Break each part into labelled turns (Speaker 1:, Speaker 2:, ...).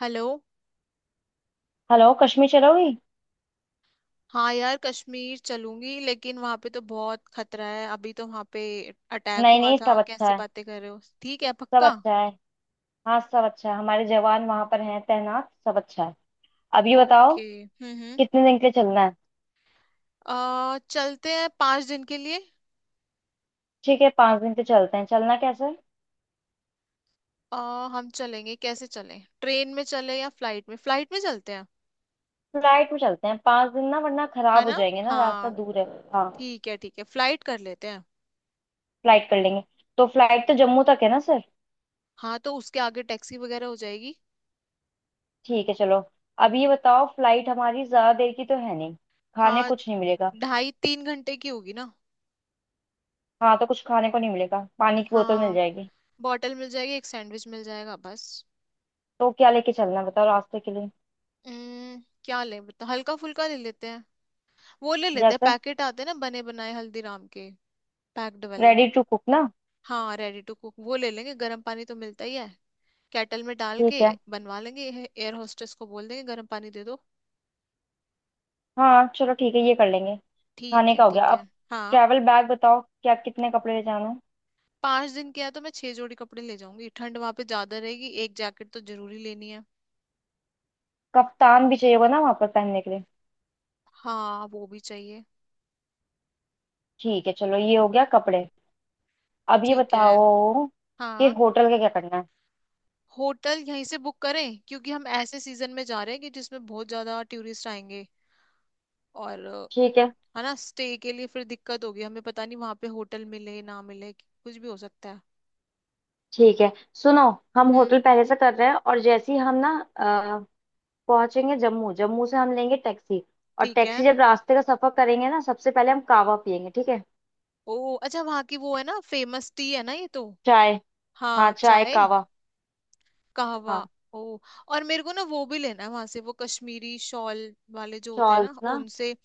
Speaker 1: Hello.
Speaker 2: Hello Kashmir चलोगी।
Speaker 1: हाँ यार कश्मीर चलूंगी, लेकिन वहां पे तो बहुत खतरा है। अभी तो वहां पे अटैक
Speaker 2: नहीं
Speaker 1: हुआ
Speaker 2: नहीं, सब
Speaker 1: था,
Speaker 2: अच्छा
Speaker 1: कैसी
Speaker 2: है।
Speaker 1: बातें कर रहे हो। ठीक है,
Speaker 2: सब
Speaker 1: पक्का?
Speaker 2: अच्छा है। हाँ, सब अच्छा है, हमारे जवान वहां पर हैं तैनात, सब अच्छा है। अभी बताओ
Speaker 1: ओके, हम्म।
Speaker 2: कितने दिन के लिए चलना है।
Speaker 1: आ चलते हैं पांच दिन के लिए।
Speaker 2: ठीक है, 5 दिन के लिए चलते हैं। चलना कैसे है?
Speaker 1: आ हम चलेंगे कैसे, चलें ट्रेन में चले या फ्लाइट में? फ्लाइट में चलते हैं।
Speaker 2: फ्लाइट में चलते हैं, 5 दिन ना, वरना
Speaker 1: है
Speaker 2: खराब हो
Speaker 1: ना।
Speaker 2: जाएंगे ना, रास्ता
Speaker 1: हाँ,
Speaker 2: दूर है। हाँ,
Speaker 1: ठीक है ठीक है, फ्लाइट कर लेते हैं।
Speaker 2: फ्लाइट कर लेंगे। तो फ्लाइट तो जम्मू तक है ना सर।
Speaker 1: हाँ, तो उसके आगे टैक्सी वगैरह हो जाएगी।
Speaker 2: ठीक है चलो। अब ये बताओ फ्लाइट हमारी ज्यादा देर की तो है नहीं, खाने
Speaker 1: हाँ,
Speaker 2: कुछ नहीं मिलेगा।
Speaker 1: ढाई तीन घंटे की होगी ना।
Speaker 2: हाँ, तो कुछ खाने को नहीं मिलेगा, पानी की बोतल मिल
Speaker 1: हाँ,
Speaker 2: जाएगी।
Speaker 1: बॉटल मिल जाएगी, एक सैंडविच मिल जाएगा बस।
Speaker 2: तो क्या लेके चलना है बताओ रास्ते के लिए।
Speaker 1: क्या ले बता, हल्का फुल्का ले लेते हैं। वो ले लेते हैं,
Speaker 2: जैसे
Speaker 1: पैकेट आते हैं ना बने बनाए हल्दीराम के, पैक्ड वाले।
Speaker 2: रेडी टू कुक ना।
Speaker 1: हाँ रेडी टू कुक वो ले लेंगे, गर्म पानी तो मिलता ही है। केटल में डाल के
Speaker 2: ठीक है।
Speaker 1: बनवा लेंगे। एयर होस्टेस को बोल देंगे गर्म पानी दे दो।
Speaker 2: हाँ चलो ठीक है, ये कर लेंगे।
Speaker 1: ठीक
Speaker 2: खाने
Speaker 1: है
Speaker 2: का हो गया।
Speaker 1: ठीक है,
Speaker 2: अब
Speaker 1: हाँ।
Speaker 2: ट्रैवल बैग बताओ, क्या कितने कपड़े ले जाना है।
Speaker 1: पांच दिन किया तो मैं छह जोड़ी कपड़े ले जाऊंगी। ठंड वहां पे ज्यादा रहेगी, एक जैकेट तो जरूरी लेनी है।
Speaker 2: कफ्तान भी चाहिए होगा ना वहां पर पहनने के लिए।
Speaker 1: हाँ वो भी चाहिए।
Speaker 2: ठीक है चलो, ये हो गया कपड़े। अब ये
Speaker 1: ठीक है।
Speaker 2: बताओ कि
Speaker 1: हाँ।
Speaker 2: होटल का क्या करना है।
Speaker 1: होटल यहीं से बुक करें, क्योंकि हम ऐसे सीजन में जा रहे हैं कि जिसमें बहुत ज्यादा टूरिस्ट आएंगे। और
Speaker 2: ठीक है,
Speaker 1: है ना, स्टे के लिए फिर दिक्कत होगी। हमें पता नहीं वहां पे होटल मिले ना मिले, कुछ भी हो सकता है।
Speaker 2: ठीक है सुनो। हम
Speaker 1: हम्म।
Speaker 2: होटल पहले से कर रहे हैं, और जैसे ही हम ना अ, पहुंचेंगे जम्मू, जम्मू से हम लेंगे टैक्सी। और
Speaker 1: ठीक है।
Speaker 2: टैक्सी जब रास्ते का सफर करेंगे ना, सबसे पहले हम कावा पियेंगे, ठीक है।
Speaker 1: ओ अच्छा, वहाँ की वो है ना फेमस टी है ना ये तो।
Speaker 2: चाय। हाँ
Speaker 1: हाँ
Speaker 2: चाय,
Speaker 1: चाय
Speaker 2: कावा।
Speaker 1: कहवा।
Speaker 2: हाँ।
Speaker 1: ओ। और मेरे को ना वो भी लेना है वहां से, वो कश्मीरी शॉल वाले जो होते हैं
Speaker 2: शॉल्स
Speaker 1: ना,
Speaker 2: ना।
Speaker 1: उनसे।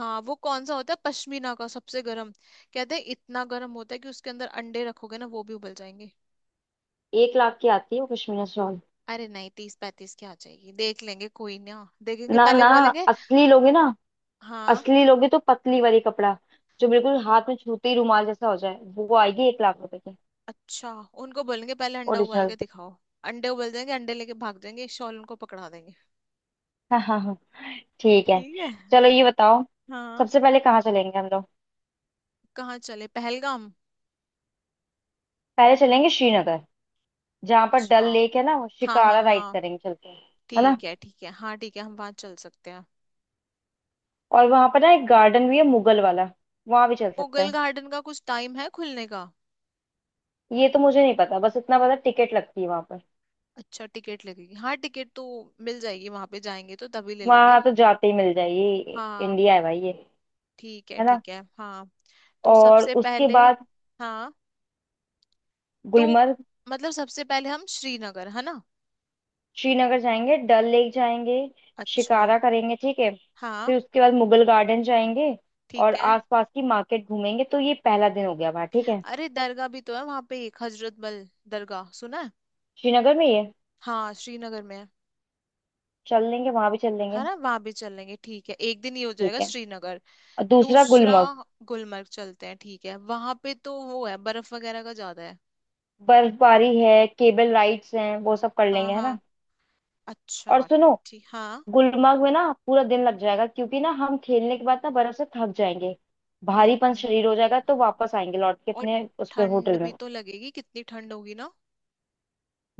Speaker 1: हाँ, वो कौन सा होता है पश्मीना का, सबसे गर्म कहते हैं। इतना गर्म होता है कि उसके अंदर अंडे रखोगे ना, वो भी उबल जाएंगे।
Speaker 2: एक लाख की आती है वो कश्मीर शॉल।
Speaker 1: अरे नहीं, तीस पैंतीस की आ जाएगी, देख लेंगे कोई ना, देखेंगे
Speaker 2: ना
Speaker 1: पहले,
Speaker 2: ना,
Speaker 1: बोलेंगे।
Speaker 2: असली लोगे ना।
Speaker 1: हाँ।
Speaker 2: असली लोगे तो पतली वाली कपड़ा, जो बिल्कुल हाथ में छूते ही रुमाल जैसा हो जाए, वो आएगी 1 लाख रुपए की।
Speaker 1: अच्छा, उनको बोलेंगे पहले अंडा उबाल के
Speaker 2: ओरिजिनल।
Speaker 1: दिखाओ। अंडे उबल जाएंगे, अंडे लेके भाग जाएंगे, शॉल उनको पकड़ा देंगे।
Speaker 2: हाँ हाँ हाँ। ठीक है।
Speaker 1: ठीक है।
Speaker 2: चलो ये बताओ,
Speaker 1: हाँ।
Speaker 2: सबसे पहले कहाँ चलेंगे हम लोग।
Speaker 1: कहाँ चले पहलगाम।
Speaker 2: पहले चलेंगे श्रीनगर, जहाँ पर डल
Speaker 1: अच्छा।
Speaker 2: लेक है ना, वो
Speaker 1: हाँ हाँ
Speaker 2: शिकारा राइड
Speaker 1: हाँ।
Speaker 2: करेंगे चल के, है ना।
Speaker 1: ठीक है हाँ ठीक है, हम वहां चल सकते हैं।
Speaker 2: और वहां पर ना एक गार्डन भी है मुगल वाला, वहां भी चल सकते
Speaker 1: मुगल
Speaker 2: हैं।
Speaker 1: गार्डन का कुछ टाइम है खुलने का?
Speaker 2: ये तो मुझे नहीं पता, बस इतना पता टिकट लगती है वहां पर।
Speaker 1: अच्छा टिकट लगेगी। हाँ टिकट तो मिल जाएगी, वहां पे जाएंगे तो तभी ले लेंगे।
Speaker 2: वहां तो जाते ही मिल जाएगी,
Speaker 1: हाँ।
Speaker 2: इंडिया है भाई ये।
Speaker 1: ठीक है
Speaker 2: है ना।
Speaker 1: ठीक है, हाँ। तो
Speaker 2: और
Speaker 1: सबसे
Speaker 2: उसके
Speaker 1: पहले।
Speaker 2: बाद
Speaker 1: हाँ। तो
Speaker 2: गुलमर्ग।
Speaker 1: मतलब सबसे पहले हम श्रीनगर, है ना।
Speaker 2: श्रीनगर जाएंगे, डल लेक जाएंगे,
Speaker 1: अच्छा।
Speaker 2: शिकारा करेंगे, ठीक है।
Speaker 1: हाँ।
Speaker 2: फिर उसके बाद मुगल गार्डन जाएंगे,
Speaker 1: ठीक
Speaker 2: और
Speaker 1: है।
Speaker 2: आसपास की मार्केट घूमेंगे। तो ये पहला दिन हो गया वहाँ, ठीक है।
Speaker 1: अरे दरगाह भी तो है वहां पे, एक हजरत बल दरगाह सुना है।
Speaker 2: श्रीनगर में ये
Speaker 1: हाँ श्रीनगर में है।
Speaker 2: चल लेंगे, वहां भी चल लेंगे।
Speaker 1: है ना, वहां भी चल लेंगे। ठीक है, एक दिन ये हो
Speaker 2: ठीक
Speaker 1: जाएगा
Speaker 2: है,
Speaker 1: श्रीनगर।
Speaker 2: और दूसरा
Speaker 1: दूसरा
Speaker 2: गुलमर्ग।
Speaker 1: गुलमर्ग चलते हैं। ठीक है, वहां पे तो वो है बर्फ वगैरह का ज्यादा है।
Speaker 2: बर्फबारी है, केबल राइड्स हैं, वो सब कर
Speaker 1: हाँ
Speaker 2: लेंगे, है ना।
Speaker 1: हाँ।
Speaker 2: और
Speaker 1: अच्छा।
Speaker 2: सुनो,
Speaker 1: ठीक हाँ।
Speaker 2: गुलमर्ग में ना पूरा दिन लग जाएगा, क्योंकि ना हम खेलने के बाद ना बर्फ से थक जाएंगे,
Speaker 1: हम्म
Speaker 2: भारीपन
Speaker 1: हम्म।
Speaker 2: शरीर हो जाएगा, तो वापस आएंगे लौट के
Speaker 1: और
Speaker 2: अपने उस पे
Speaker 1: ठंड
Speaker 2: होटल में।
Speaker 1: भी तो लगेगी, कितनी ठंड होगी ना।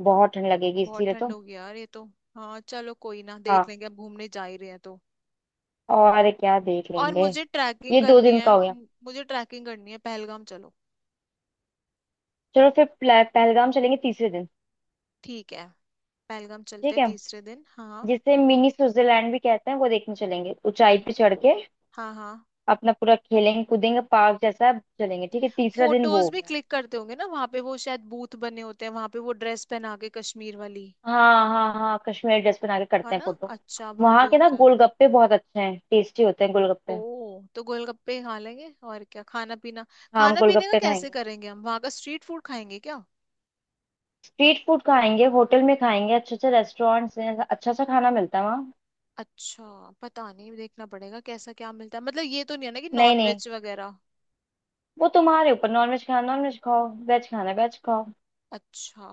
Speaker 2: बहुत ठंड लगेगी
Speaker 1: बहुत
Speaker 2: इसीलिए
Speaker 1: ठंड
Speaker 2: तो।
Speaker 1: होगी यार ये तो। हाँ, चलो कोई ना, देख
Speaker 2: हाँ
Speaker 1: लेंगे, अब घूमने जा ही रहे हैं तो।
Speaker 2: और क्या देख
Speaker 1: और
Speaker 2: लेंगे।
Speaker 1: मुझे ट्रैकिंग
Speaker 2: ये दो
Speaker 1: करनी
Speaker 2: दिन का
Speaker 1: है,
Speaker 2: हो गया।
Speaker 1: मुझे ट्रैकिंग करनी है, पहलगाम चलो।
Speaker 2: चलो फिर पहलगाम चलेंगे तीसरे दिन।
Speaker 1: ठीक है, पहलगाम चलते
Speaker 2: ठीक
Speaker 1: हैं
Speaker 2: है,
Speaker 1: तीसरे दिन। हाँ।
Speaker 2: जिसे मिनी स्विट्जरलैंड भी कहते हैं, वो देखने चलेंगे ऊंचाई पे चढ़ के।
Speaker 1: हाँ हाँ।
Speaker 2: अपना पूरा खेलेंगे कूदेंगे, पार्क जैसा चलेंगे। ठीक है, तीसरा दिन वो
Speaker 1: फोटोज
Speaker 2: हो
Speaker 1: भी
Speaker 2: गया।
Speaker 1: क्लिक करते होंगे ना वहां पे, वो शायद बूथ बने होते हैं वहां पे, वो ड्रेस पहना के कश्मीर वाली।
Speaker 2: हाँ हाँ हाँ, कश्मीरी ड्रेस पहना के
Speaker 1: है
Speaker 2: करते हैं
Speaker 1: ना,
Speaker 2: फोटो।
Speaker 1: अच्छा, वहां
Speaker 2: वहां
Speaker 1: पे
Speaker 2: के ना
Speaker 1: होता है।
Speaker 2: गोलगप्पे बहुत अच्छे हैं, टेस्टी होते हैं
Speaker 1: ओ,
Speaker 2: गोलगप्पे।
Speaker 1: तो गोलगप्पे खा लेंगे। और क्या खाना पीना?
Speaker 2: हाँ हम
Speaker 1: खाना पीने का
Speaker 2: गोलगप्पे
Speaker 1: कैसे
Speaker 2: खाएंगे।
Speaker 1: करेंगे, हम वहां का स्ट्रीट फूड खाएंगे क्या?
Speaker 2: स्ट्रीट फूड खाएंगे, होटल में खाएंगे, अच्छे अच्छे रेस्टोरेंट्स हैं, अच्छा सा खाना मिलता है वहाँ।
Speaker 1: अच्छा, पता नहीं, देखना पड़ेगा कैसा क्या मिलता है। मतलब ये तो नहीं है ना कि
Speaker 2: नहीं
Speaker 1: नॉन
Speaker 2: नहीं,
Speaker 1: वेज वगैरह।
Speaker 2: वो तुम्हारे ऊपर, नॉन वेज खाना नॉन वेज खाओ, वेज खाना वेज खाओ।
Speaker 1: अच्छा।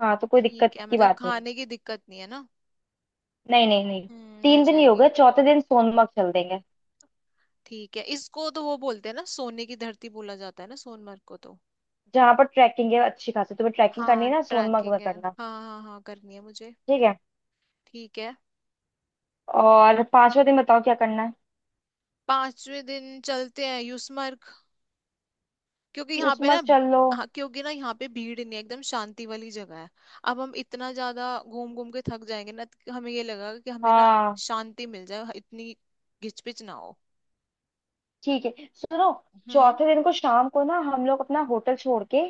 Speaker 2: हाँ तो कोई दिक्कत
Speaker 1: ठीक है,
Speaker 2: की
Speaker 1: मतलब
Speaker 2: बात नहीं है।
Speaker 1: खाने की दिक्कत नहीं है ना।
Speaker 2: नहीं नहीं नहीं।
Speaker 1: हम्म, मिल
Speaker 2: तीन दिन ही हो गए,
Speaker 1: जाएगी।
Speaker 2: चौथे दिन सोनमर्ग चल देंगे।
Speaker 1: ठीक है, इसको तो वो बोलते हैं ना सोने की धरती, बोला जाता है ना सोनमर्ग को तो।
Speaker 2: जहाँ पर ट्रैकिंग है अच्छी खासी, तुम्हें ट्रैकिंग करनी
Speaker 1: हाँ
Speaker 2: है ना, सोनमर्ग में
Speaker 1: ट्रैकिंग है।
Speaker 2: करना।
Speaker 1: हाँ हाँ हाँ, करनी है मुझे।
Speaker 2: ठीक है।
Speaker 1: ठीक है।
Speaker 2: और पांचवा दिन बताओ, क्या करना
Speaker 1: पांचवें दिन चलते हैं यूसमर्ग, क्योंकि
Speaker 2: है
Speaker 1: यहाँ पे ना।
Speaker 2: सोनमर्ग चल लो।
Speaker 1: हाँ, क्योंकि ना यहाँ पे भीड़ नहीं है, एकदम शांति वाली जगह है। अब हम इतना ज्यादा घूम घूम के थक जाएंगे ना, तो हमें ये लगा कि हमें ना
Speaker 2: हाँ।
Speaker 1: शांति मिल जाए, हाँ, इतनी घिचपिच ना हो।
Speaker 2: ठीक है सुनो,
Speaker 1: हम्म।
Speaker 2: चौथे दिन को शाम को ना हम लोग अपना होटल छोड़ के,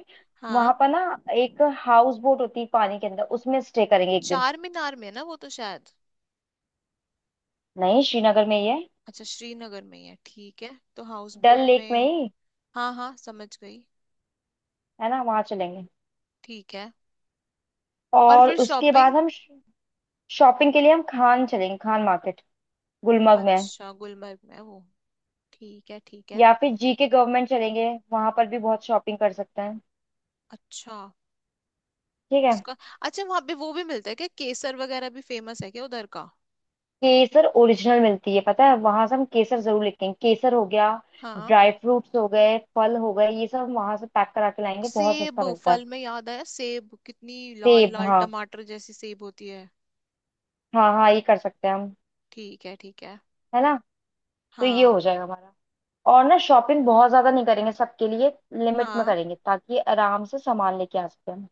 Speaker 2: वहां
Speaker 1: हाँ।
Speaker 2: पर ना एक हाउस बोट होती है पानी के अंदर, उसमें स्टे करेंगे एक दिन।
Speaker 1: चार मीनार में है ना वो तो शायद।
Speaker 2: नहीं, श्रीनगर में ही है।
Speaker 1: अच्छा श्रीनगर में ही है, ठीक है। तो हाउस
Speaker 2: डल
Speaker 1: बोट
Speaker 2: लेक में
Speaker 1: में।
Speaker 2: ही,
Speaker 1: हाँ हाँ, समझ गई।
Speaker 2: है ना, वहां चलेंगे।
Speaker 1: ठीक है। और
Speaker 2: और
Speaker 1: फिर
Speaker 2: उसके
Speaker 1: शॉपिंग।
Speaker 2: बाद हम शॉपिंग के लिए हम खान चलेंगे, खान मार्केट, गुलमर्ग में।
Speaker 1: अच्छा गुलमर्ग में है वो। ठीक है ठीक है।
Speaker 2: या फिर जीके गवर्नमेंट चलेंगे, वहां पर भी बहुत शॉपिंग कर सकते हैं।
Speaker 1: अच्छा।
Speaker 2: ठीक है।
Speaker 1: उसका अच्छा, वहां पे वो भी मिलता है क्या, केसर वगैरह भी फेमस है क्या उधर का?
Speaker 2: केसर ओरिजिनल मिलती है पता है, वहां से हम केसर जरूर लेते हैं। केसर हो गया,
Speaker 1: हाँ।
Speaker 2: ड्राई फ्रूट्स हो गए, फल हो गए, ये सब वहां से पैक करा के लाएंगे, बहुत
Speaker 1: सेब,
Speaker 2: सस्ता मिलता है।
Speaker 1: फल में याद आया, सेब कितनी लाल
Speaker 2: सेब,
Speaker 1: लाल
Speaker 2: हाँ
Speaker 1: टमाटर जैसी सेब होती है।
Speaker 2: हाँ हाँ, ये कर सकते हैं हम,
Speaker 1: ठीक है ठीक है।
Speaker 2: है ना। तो ये हो
Speaker 1: हाँ।
Speaker 2: जाएगा हमारा। और ना शॉपिंग बहुत ज्यादा नहीं करेंगे सबके लिए, लिमिट में
Speaker 1: हाँ,
Speaker 2: करेंगे, ताकि आराम से सामान लेके आ सके हम।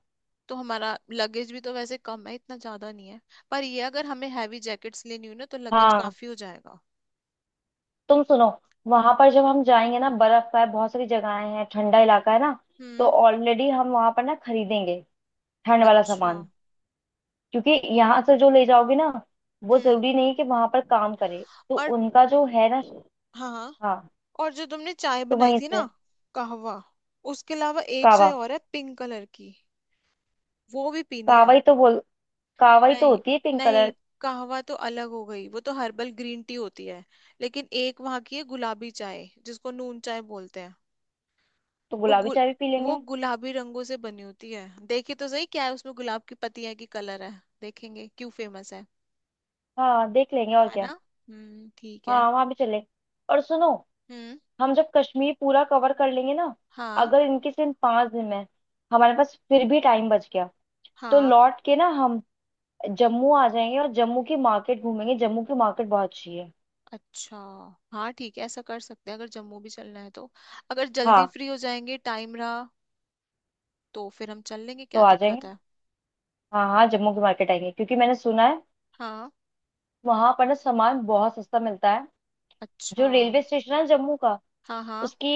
Speaker 1: तो हमारा लगेज भी तो वैसे कम है, इतना ज्यादा नहीं है। पर ये अगर हमें हैवी जैकेट्स लेनी हो ना, तो लगेज
Speaker 2: हाँ
Speaker 1: काफी हो जाएगा।
Speaker 2: तुम सुनो, वहां पर जब हम जाएंगे ना, बर्फ का है, बहुत सारी जगहें हैं, ठंडा इलाका है ना, तो
Speaker 1: हम्म।
Speaker 2: ऑलरेडी हम वहां पर ना खरीदेंगे ठंड वाला
Speaker 1: अच्छा।
Speaker 2: सामान। क्योंकि यहाँ से जो ले जाओगे ना, वो
Speaker 1: हम्म।
Speaker 2: जरूरी नहीं कि वहां पर काम करे, तो
Speaker 1: और
Speaker 2: उनका जो है ना,
Speaker 1: हाँ हाँ।
Speaker 2: हाँ,
Speaker 1: और जो तुमने चाय
Speaker 2: तो
Speaker 1: बनाई
Speaker 2: वहीं
Speaker 1: थी ना,
Speaker 2: से।
Speaker 1: कहवा, उसके अलावा एक
Speaker 2: कावा।
Speaker 1: चाय और है पिंक कलर की, वो भी पीनी है।
Speaker 2: कावा ही तो बोल, कावा ही तो
Speaker 1: नहीं
Speaker 2: होती है पिंक
Speaker 1: नहीं,
Speaker 2: कलर।
Speaker 1: कहवा तो अलग हो गई, वो तो हर्बल ग्रीन टी होती है। लेकिन एक वहां की है गुलाबी चाय, जिसको नून चाय बोलते हैं।
Speaker 2: तो
Speaker 1: वो
Speaker 2: गुलाबी
Speaker 1: गु,
Speaker 2: चाय भी पी
Speaker 1: वो
Speaker 2: लेंगे।
Speaker 1: गुलाबी रंगों से बनी होती है, देखिए तो सही क्या है उसमें, गुलाब की पत्तियां की कलर है। देखेंगे क्यों फेमस है।
Speaker 2: हाँ देख लेंगे और
Speaker 1: है
Speaker 2: क्या।
Speaker 1: ना। ठीक है।
Speaker 2: हाँ वहां भी चलेंगे। और सुनो,
Speaker 1: हम्म।
Speaker 2: हम जब कश्मीर पूरा कवर कर लेंगे ना,
Speaker 1: हाँ।
Speaker 2: अगर इनके सिर्फ 5 दिन में हमारे पास फिर भी टाइम बच गया, तो
Speaker 1: हाँ।
Speaker 2: लौट के ना हम जम्मू आ जाएंगे, और जम्मू की मार्केट घूमेंगे, जम्मू की मार्केट बहुत अच्छी है।
Speaker 1: अच्छा। हाँ ठीक है, ऐसा कर सकते हैं, अगर जम्मू भी चलना है तो, अगर जल्दी
Speaker 2: हाँ
Speaker 1: फ्री हो जाएंगे, टाइम रहा, तो फिर हम चल लेंगे,
Speaker 2: तो
Speaker 1: क्या
Speaker 2: आ जाएंगे।
Speaker 1: दिक्कत है।
Speaker 2: हाँ हाँ, जम्मू की मार्केट आएंगे, क्योंकि मैंने सुना है
Speaker 1: हाँ।
Speaker 2: वहां पर ना सामान बहुत सस्ता मिलता है।
Speaker 1: अच्छा।
Speaker 2: जो रेलवे स्टेशन है जम्मू का,
Speaker 1: हाँ हाँ।
Speaker 2: उसके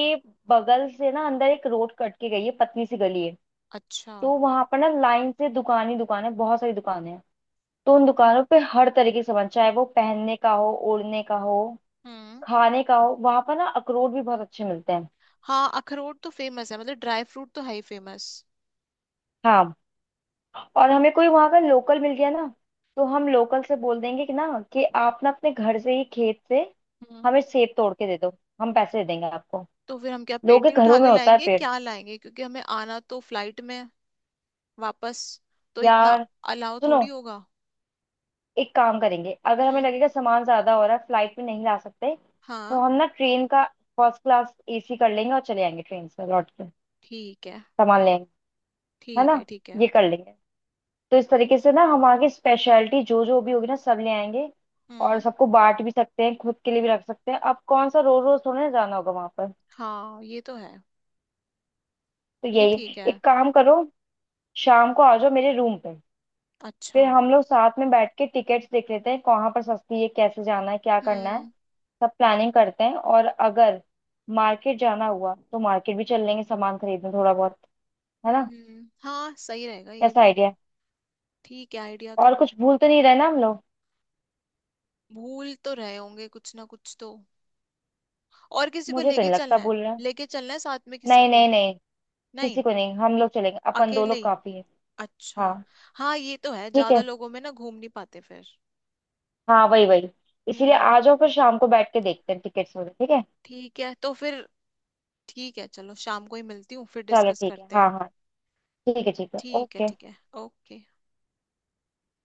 Speaker 2: बगल से ना अंदर एक रोड कट के गई है, पतली सी गली है।
Speaker 1: अच्छा।
Speaker 2: तो वहां पर ना लाइन से दुकान ही दुकान है, बहुत सारी दुकानें हैं। तो उन दुकानों पे हर तरीके का सामान, चाहे वो पहनने का हो, ओढ़ने का हो,
Speaker 1: हम्म।
Speaker 2: खाने का हो, वहां पर ना अखरोट भी बहुत अच्छे मिलते हैं।
Speaker 1: हाँ अखरोट तो फेमस है, मतलब ड्राई फ्रूट तो है ही फेमस।
Speaker 2: हाँ, और हमें कोई वहां का लोकल मिल गया ना, तो हम लोकल से बोल देंगे कि ना, कि आप ना अपने घर से ही, खेत से
Speaker 1: हम्म।
Speaker 2: हमें सेब तोड़ के दे दो, हम पैसे दे देंगे आपको।
Speaker 1: तो फिर हम क्या
Speaker 2: लोगों
Speaker 1: पेटी
Speaker 2: के
Speaker 1: उठा
Speaker 2: घरों में
Speaker 1: के
Speaker 2: होता है
Speaker 1: लाएंगे,
Speaker 2: पेड़।
Speaker 1: क्या लाएंगे, क्योंकि हमें आना तो फ्लाइट में है वापस। तो इतना
Speaker 2: यार
Speaker 1: अलाउ
Speaker 2: सुनो,
Speaker 1: थोड़ी होगा।
Speaker 2: एक काम करेंगे, अगर हमें
Speaker 1: हम्म।
Speaker 2: लगेगा सामान ज्यादा हो रहा है, फ्लाइट में नहीं ला सकते, तो
Speaker 1: हाँ।
Speaker 2: हम ना ट्रेन का फर्स्ट क्लास एसी कर लेंगे, और चले आएंगे ट्रेन से लौट के।
Speaker 1: ठीक है
Speaker 2: सामान लेंगे, है ना,
Speaker 1: ठीक है। ठीक है।
Speaker 2: ये कर लेंगे। तो इस तरीके से ना हम आगे स्पेशलिटी जो जो भी होगी ना सब ले आएंगे। और
Speaker 1: हम्म।
Speaker 2: सबको बांट भी सकते हैं, खुद के लिए भी रख सकते हैं, अब कौन सा रोज रोज थोड़ा ना जाना होगा वहां पर।
Speaker 1: हाँ ये तो है।
Speaker 2: तो
Speaker 1: ये ठीक
Speaker 2: यही
Speaker 1: है।
Speaker 2: एक काम करो, शाम को आ जाओ मेरे रूम पे,
Speaker 1: अच्छा।
Speaker 2: फिर हम लोग साथ में बैठ के टिकट्स देख लेते हैं, कहाँ पर सस्ती है, कैसे जाना है, क्या करना है,
Speaker 1: हम्म
Speaker 2: सब प्लानिंग करते हैं। और अगर मार्केट जाना हुआ तो मार्केट भी चल लेंगे, सामान खरीदने थोड़ा बहुत, है
Speaker 1: हम्म।
Speaker 2: ना।
Speaker 1: हाँ सही रहेगा ये
Speaker 2: कैसा
Speaker 1: भी।
Speaker 2: आइडिया है?
Speaker 1: ठीक है, आइडिया
Speaker 2: और
Speaker 1: तो।
Speaker 2: कुछ भूल तो नहीं रहे ना हम लोग।
Speaker 1: भूल तो रहे होंगे कुछ ना कुछ तो। और किसी को
Speaker 2: मुझे तो
Speaker 1: लेके
Speaker 2: नहीं लगता
Speaker 1: चलना है,
Speaker 2: भूल रहे हैं।
Speaker 1: लेके चलना है साथ में किसी
Speaker 2: नहीं
Speaker 1: को?
Speaker 2: नहीं नहीं, किसी
Speaker 1: नहीं,
Speaker 2: को नहीं, हम लोग चलेंगे, अपन दो
Speaker 1: अकेले
Speaker 2: लोग
Speaker 1: ही।
Speaker 2: काफी है।
Speaker 1: अच्छा,
Speaker 2: हाँ
Speaker 1: हाँ ये तो है,
Speaker 2: ठीक
Speaker 1: ज्यादा
Speaker 2: है,
Speaker 1: लोगों में ना घूम नहीं पाते फिर।
Speaker 2: हाँ वही वही, इसीलिए
Speaker 1: हम्म।
Speaker 2: आ जाओ फिर शाम को, बैठ के देखते हैं टिकट्स वगैरह, ठीक है।
Speaker 1: ठीक है, तो फिर ठीक है, चलो शाम को ही मिलती हूँ, फिर
Speaker 2: चलो
Speaker 1: डिस्कस
Speaker 2: ठीक है,
Speaker 1: करते हैं।
Speaker 2: हाँ हाँ, ठीक है ठीक है,
Speaker 1: ठीक है
Speaker 2: ओके।
Speaker 1: ठीक है। ओके।